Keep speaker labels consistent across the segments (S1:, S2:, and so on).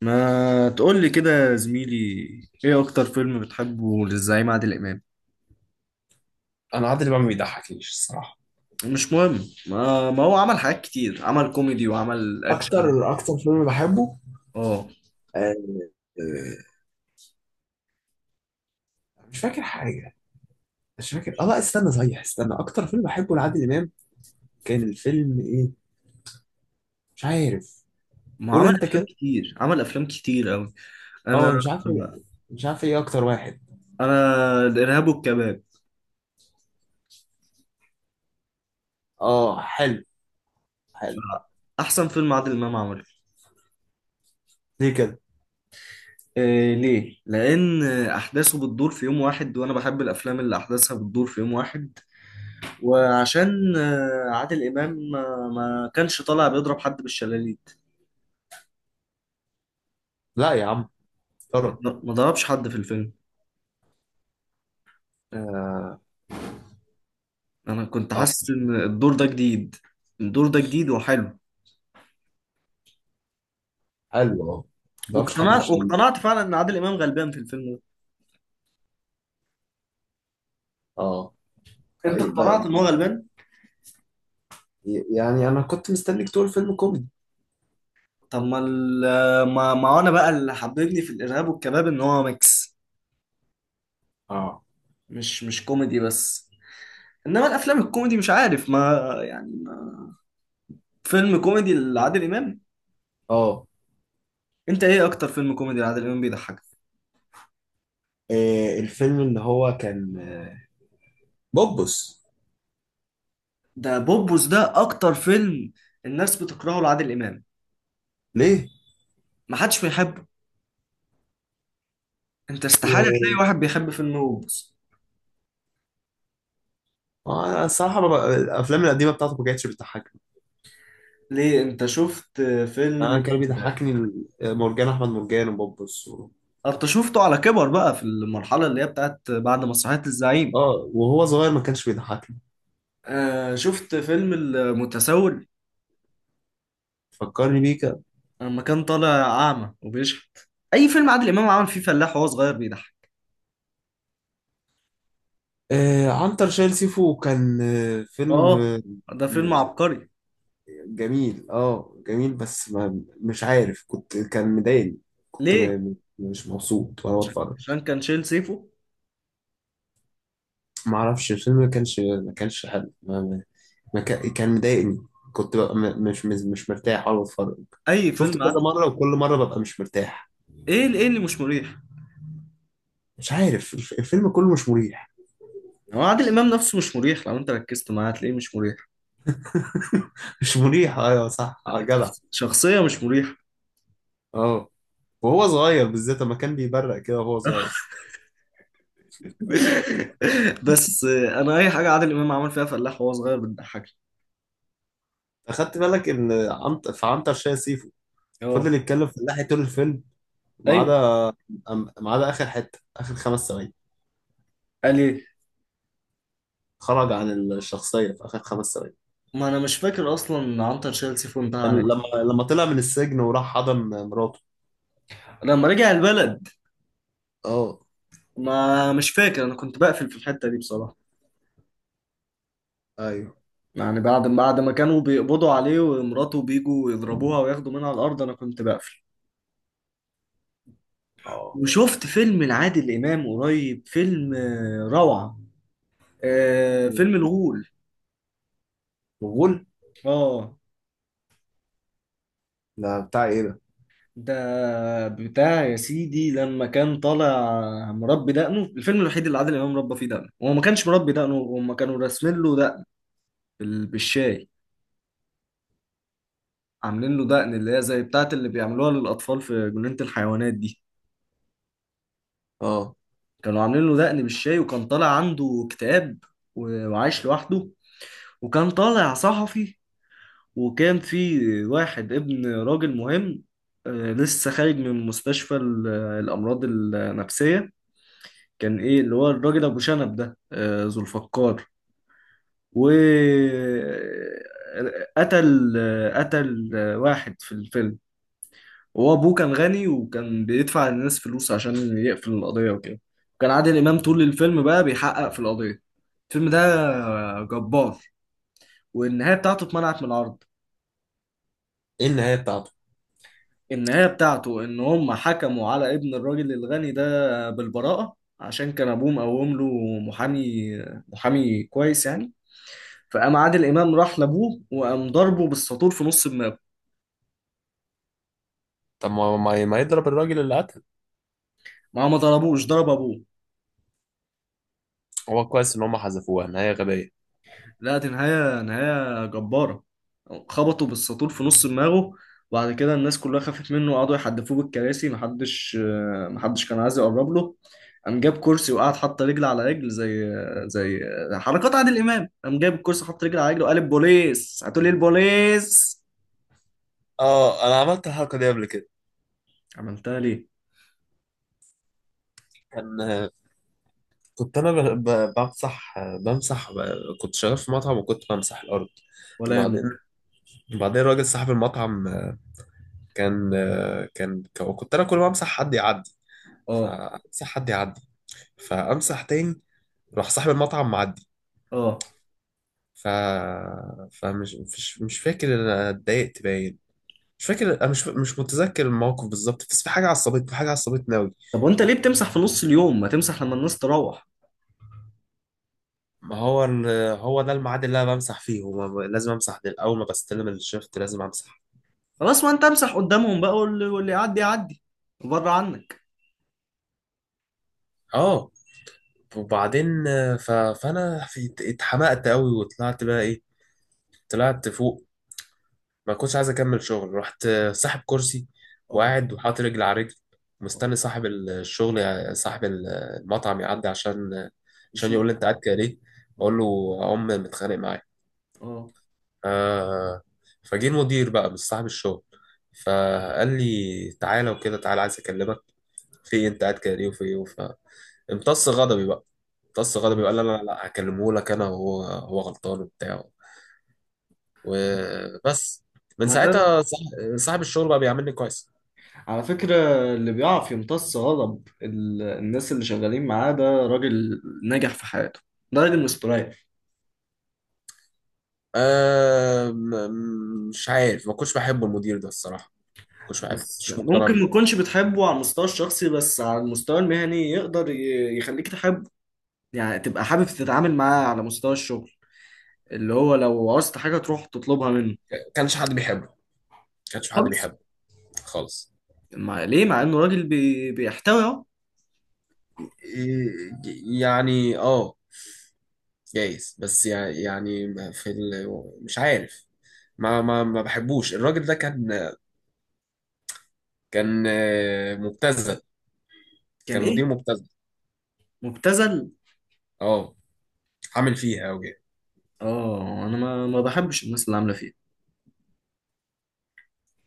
S1: ما تقول لي كده يا زميلي. ايه اكتر فيلم بتحبه للزعيم عادل امام؟
S2: انا عادل امام ما بيضحكنيش الصراحه.
S1: مش مهم. ما هو عمل حاجات كتير، عمل كوميدي وعمل اكشن.
S2: اكتر فيلم بحبه.
S1: اه.
S2: آه، آه، مش فاكر حاجه. مش فاكر اه لا، استنى صحيح، استنى، اكتر فيلم بحبه لعادل امام كان الفيلم ايه؟ مش عارف.
S1: ما
S2: قول
S1: عمل
S2: انت
S1: افلام
S2: كده.
S1: كتير، عمل افلام كتير قوي.
S2: اه
S1: انا
S2: أنا مش عارف، مش عارف ايه اكتر واحد.
S1: انا الارهاب والكباب
S2: اه حلو، حلو.
S1: احسن فيلم عادل امام عمله.
S2: ليه كده؟
S1: إيه ليه؟ لأن أحداثه بتدور في يوم واحد وأنا بحب الأفلام اللي أحداثها بتدور في يوم واحد. وعشان عادل إمام ما كانش طالع بيضرب حد بالشلاليه.
S2: لا يا عم،
S1: ما
S2: طرب.
S1: ما ضربش حد في الفيلم.
S2: اه،
S1: انا كنت
S2: آه،
S1: حاسس
S2: صح.
S1: ان الدور ده جديد. الدور ده جديد وحلو.
S2: حلو اه. ما بعرفش حد
S1: واقتنعت
S2: مش حلو.
S1: واقتنعت فعلا ان عادل امام غلبان في الفيلم.
S2: اه
S1: ده انت
S2: طيب،
S1: اقتنعت ان هو غلبان.
S2: يعني انا كنت مستنيك تقول فيلم كوميدي.
S1: طب ما ال- ما ما انا بقى اللي حببني في الارهاب والكباب ان هو ميكس.
S2: اه.
S1: مش كوميدي بس. انما الافلام الكوميدي مش عارف ما يعني ما فيلم كوميدي لعادل امام.
S2: اه
S1: انت ايه اكتر فيلم كوميدي لعادل امام بيضحكك؟
S2: الفيلم اللي هو كان بوبس.
S1: ده بوبوس، ده اكتر فيلم الناس بتكرهه لعادل امام.
S2: ليه؟
S1: ما حدش بيحبه. انت استحالة
S2: و
S1: تلاقي واحد بيحب فيلم هوبس.
S2: الصراحة الأفلام القديمة بتاعته ما كانتش بتضحكني.
S1: ليه انت شفت
S2: أنا
S1: فيلم؟
S2: كان بيضحكني مرجان أحمد مرجان وبوبس و...
S1: انت شفته على كبر بقى في المرحلة اللي هي بتاعت بعد مسرحية الزعيم.
S2: آه وهو صغير ما كانش بيضحكني.
S1: آه، شفت فيلم المتسول
S2: فكرني بيه كده.
S1: لما كان طالع أعمى وبيشحت. أي فيلم عادل إمام عمل فيه فلاح وهو صغير بيضحك.
S2: آه عنتر شايل سيفو كان آه فيلم
S1: آه، ده فيلم عبقري.
S2: جميل آه جميل، بس ما مش عارف، كنت كان مضايقني. كنت
S1: ليه؟
S2: مش مبسوط وأنا بتفرج.
S1: عشان كان شايل سيفه.
S2: ما أعرفش الفيلم، ما كانش حلو. ما كا- كان مضايقني. كنت ببقى مش مرتاح وانا بتفرج.
S1: أي
S2: شفته
S1: فيلم
S2: كذا
S1: عادل.
S2: مرة وكل مرة ببقى مش مرتاح.
S1: إيه إيه اللي مش مريح؟
S2: مش عارف، الفيلم كله مش مريح.
S1: هو عادل إمام نفسه مش مريح، لو أنت ركزت معاه هتلاقيه مش مريح.
S2: مش مريح ايوه صح، آه، جدع.
S1: شخصية مش مريحة.
S2: اه وهو صغير بالذات لما كان بيبرق كده وهو صغير.
S1: بس انا اي حاجه عادل امام عمل فيها فلاح وهو صغير بتضحكني.
S2: اخدت بالك ان عنت في عنتر شاي سيفو فضل
S1: اه.
S2: يتكلم في اللحية طول الفيلم، ما
S1: ايوه.
S2: عدا ما عدا اخر حتة، اخر 5 ثواني.
S1: قال ايه؟
S2: خرج عن الشخصية في اخر 5 ثواني.
S1: ما انا مش فاكر اصلا عنتر شال سيفه انتهى
S2: كان
S1: على إيه.
S2: لما، لما طلع من السجن وراح حضن مراته.
S1: لما رجع البلد.
S2: اه.
S1: ما مش فاكر، انا كنت بقفل في الحته دي بصراحه.
S2: ايوه.
S1: يعني بعد ما كانوا بيقبضوا عليه ومراته بيجوا يضربوها وياخدوا منها على الارض انا كنت بقفل.
S2: اه
S1: وشفت فيلم لعادل امام قريب، فيلم روعه. فيلم الغول.
S2: غول؟
S1: اه.
S2: ده بتاع ايه ده؟
S1: ده بتاع يا سيدي لما كان طالع مربي دقنه، الفيلم الوحيد اللي عادل امام ربى فيه دقنه، وهو ما كانش مربي دقنه، هما كانوا راسمين له دقن بالشاي. عاملين له دقن اللي هي زي بتاعه اللي بيعملوها للاطفال في جنينة الحيوانات دي.
S2: اه
S1: كانوا عاملين له دقن بالشاي وكان طالع عنده اكتئاب، وعايش لوحده. وكان طالع صحفي. وكان في واحد ابن راجل مهم، لسه خارج من مستشفى الامراض النفسية. كان ايه اللي هو الراجل ابو شنب ده؟ ذو الفقار. و قتل قتل واحد في الفيلم. وهو ابوه كان غني وكان بيدفع للناس فلوس عشان يقفل القضية وكده. كان عادل امام طول الفيلم بقى بيحقق في القضية. الفيلم ده جبار. والنهاية بتاعته اتمنعت من العرض.
S2: ايه النهايه بتاعته؟
S1: النهاية بتاعته ان هم حكموا على ابن الراجل الغني ده بالبراءة عشان كان ابوه مقوم له محامي، محامي كويس يعني. فقام عادل امام راح لابوه وقام ضربه بالساطور في نص دماغه.
S2: طب ما ما يضرب الراجل اللي قتل؟
S1: ما هو ما ضربوش، ضرب ابوه.
S2: هو كويس ان هم حذفوها، نهايه غبيه.
S1: لا، دي نهايه، نهايه جباره. خبطه بالساطور في نص دماغه. وبعد كده الناس كلها خافت منه وقعدوا يحدفوه بالكراسي، محدش، محدش كان عايز يقرب له. قام جاب كرسي وقعد حط رجل على رجل، زي زي حركات عادل امام. قام جاب الكرسي، حط رجل على رجل وقال البوليس هتقولي البوليس.
S2: اه انا عملت الحركه دي قبل كده.
S1: عملتها ليه؟
S2: كان، كنت انا بمسح. بمسح كنت شغال في مطعم وكنت بمسح الارض.
S1: ولا
S2: وبعدين،
S1: يهمك.
S2: بعدين راجل صاحب المطعم، كان كان، كنت انا كل ما امسح حد يعدي،
S1: اه
S2: فامسح حد يعدي، فامسح تاني. راح صاحب المطعم معدي.
S1: اه.
S2: ف فمش مش مش فاكر إن انا اتضايقت باين. مش فاكر، انا مش متذكر الموقف بالظبط، بس في حاجه عصبتني، في حاجه عصبتني قوي.
S1: طب وانت ليه بتمسح في نص اليوم؟ ما تمسح لما الناس تروح.
S2: ما هو هو ده الميعاد اللي انا بمسح فيه. هو لازم امسح ده، اول ما بستلم الشفت لازم امسح.
S1: خلاص، ما انت امسح قدامهم بقى واللي يعدي يعدي بره عنك.
S2: اه وبعدين فانا اتحمقت قوي وطلعت بقى ايه، طلعت فوق. ما كنتش عايز اكمل شغل، رحت ساحب كرسي
S1: اه
S2: وقاعد وحاطط رجل على رجل،
S1: اه.
S2: مستني صاحب الشغل صاحب المطعم يعدي، عشان، عشان
S1: نشوف.
S2: يقول لي انت قاعد كده ليه.
S1: اه.
S2: اقول له ام متخانق معايا.
S1: اه.
S2: آه. فجه المدير بقى، مش صاحب الشغل، فقال لي تعالى، وكده، تعالى عايز اكلمك. في إيه؟ انت قاعد كده ليه وفي ايه امتص غضبي بقى. امتص غضبي
S1: آه.
S2: وقال لا لا لا هكلمه لك انا، وهو هو غلطان وبتاع. وبس، من
S1: ما ده
S2: ساعتها صاحب الشغل بقى بيعاملني كويس.
S1: على فكرة، اللي بيعرف يمتص غضب الناس اللي شغالين معاه، ده راجل ناجح في حياته. ده راجل مستريح.
S2: أه مش عارف، ما كنتش بحب المدير ده الصراحه. ما كنتش بحبه، ما
S1: بس
S2: كنتش مقتنع
S1: ممكن ما
S2: بيه.
S1: تكونش بتحبه على المستوى الشخصي، بس على المستوى المهني يقدر يخليك تحبه. يعني تبقى حابب تتعامل معاه على مستوى الشغل اللي هو لو عاوزت حاجة تروح تطلبها منه.
S2: ما كانش حد بيحبه، ما كانش حد
S1: خالص.
S2: بيحبه. خالص.
S1: ما ليه مع انه راجل بيحتوي.
S2: إيه- يعني اه جايز، بس يعني في مش عارف، ما بحبوش الراجل ده. كان، كان مبتذل.
S1: كان
S2: كان مدير
S1: ايه؟
S2: مبتذل.
S1: مبتذل.
S2: اه، عامل فيها قوي.
S1: اه انا ما بحبش الناس اللي عامله فيه.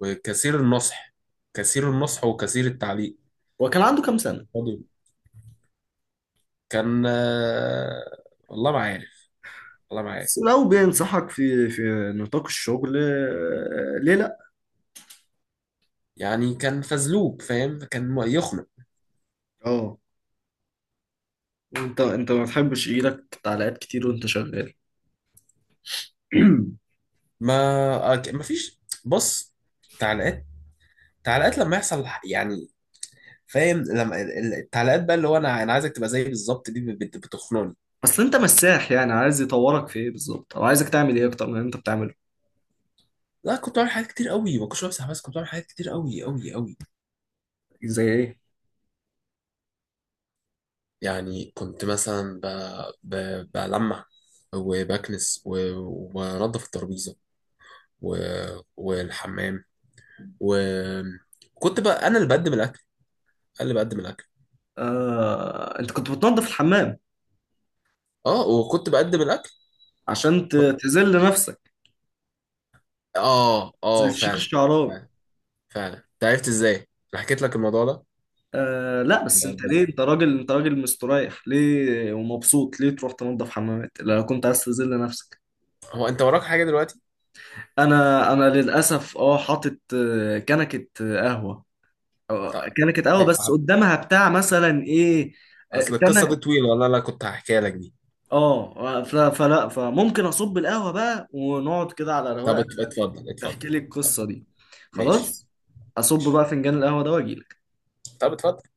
S2: وكثير النصح، كثير النصح وكثير التعليق.
S1: هو كان عنده كام سنه؟
S2: فاضي. كان آه، والله ما عارف، والله ما عارف.
S1: بس لو بينصحك في نطاق الشغل، ليه لا.
S2: يعني كان فزلوب فاهم، كان يخنق.
S1: اه. وانت ما تحبش يجيلك تعليقات كتير وانت شغال.
S2: ما فيش، بص، تعليقات، تعليقات لما يحصل يعني فاهم، لما التعليقات بقى اللي هو انا، انا عايزك تبقى زيي بالظبط دي بتخنقني.
S1: اصل انت مساح، يعني عايز يطورك في ايه بالظبط، او عايزك تعمل ايه اكتر من اللي انت بتعمله؟
S2: لا كنت بعمل حاجات كتير قوي، ما كنتش بمسح بس، كنت بعمل حاجات كتير قوي قوي قوي.
S1: زي ايه؟
S2: يعني كنت مثلا ب... بلمع وبكنس و... وبنضف الترابيزه و... والحمام، وكنت بقى انا اللي بقدم الاكل، انا اللي بقدم الاكل.
S1: آه، انت كنت بتنظف الحمام
S2: اه وكنت بقدم الاكل
S1: عشان
S2: برضه.
S1: تذل نفسك
S2: اه
S1: زي
S2: اه
S1: الشيخ
S2: فعلا.
S1: الشعراوي؟
S2: فعلا، فعلا انت عرفت ازاي؟ انا حكيت لك الموضوع ده؟
S1: آه لا، بس انت ليه،
S2: بس-
S1: انت راجل، انت راجل مستريح ليه ومبسوط ليه تروح تنظف حمامات لو كنت عايز تذل نفسك.
S2: هو انت وراك حاجه دلوقتي؟
S1: انا للاسف اه حاطط كنكه قهوه. كنكه قهوه، بس
S2: طب
S1: قدامها بتاع مثلا ايه.
S2: اصل
S1: تمن.
S2: القصه دي طويله، والله انا كنت هحكيها لك دي.
S1: اه فلا، فممكن اصب القهوه بقى ونقعد كده على
S2: طب
S1: رواقه
S2: اتفضل
S1: تحكي
S2: اتفضل.
S1: لي القصه دي.
S2: ماشي.
S1: خلاص. اصب
S2: ماشي.
S1: بقى فنجان القهوه ده واجي
S2: طب اتفضل.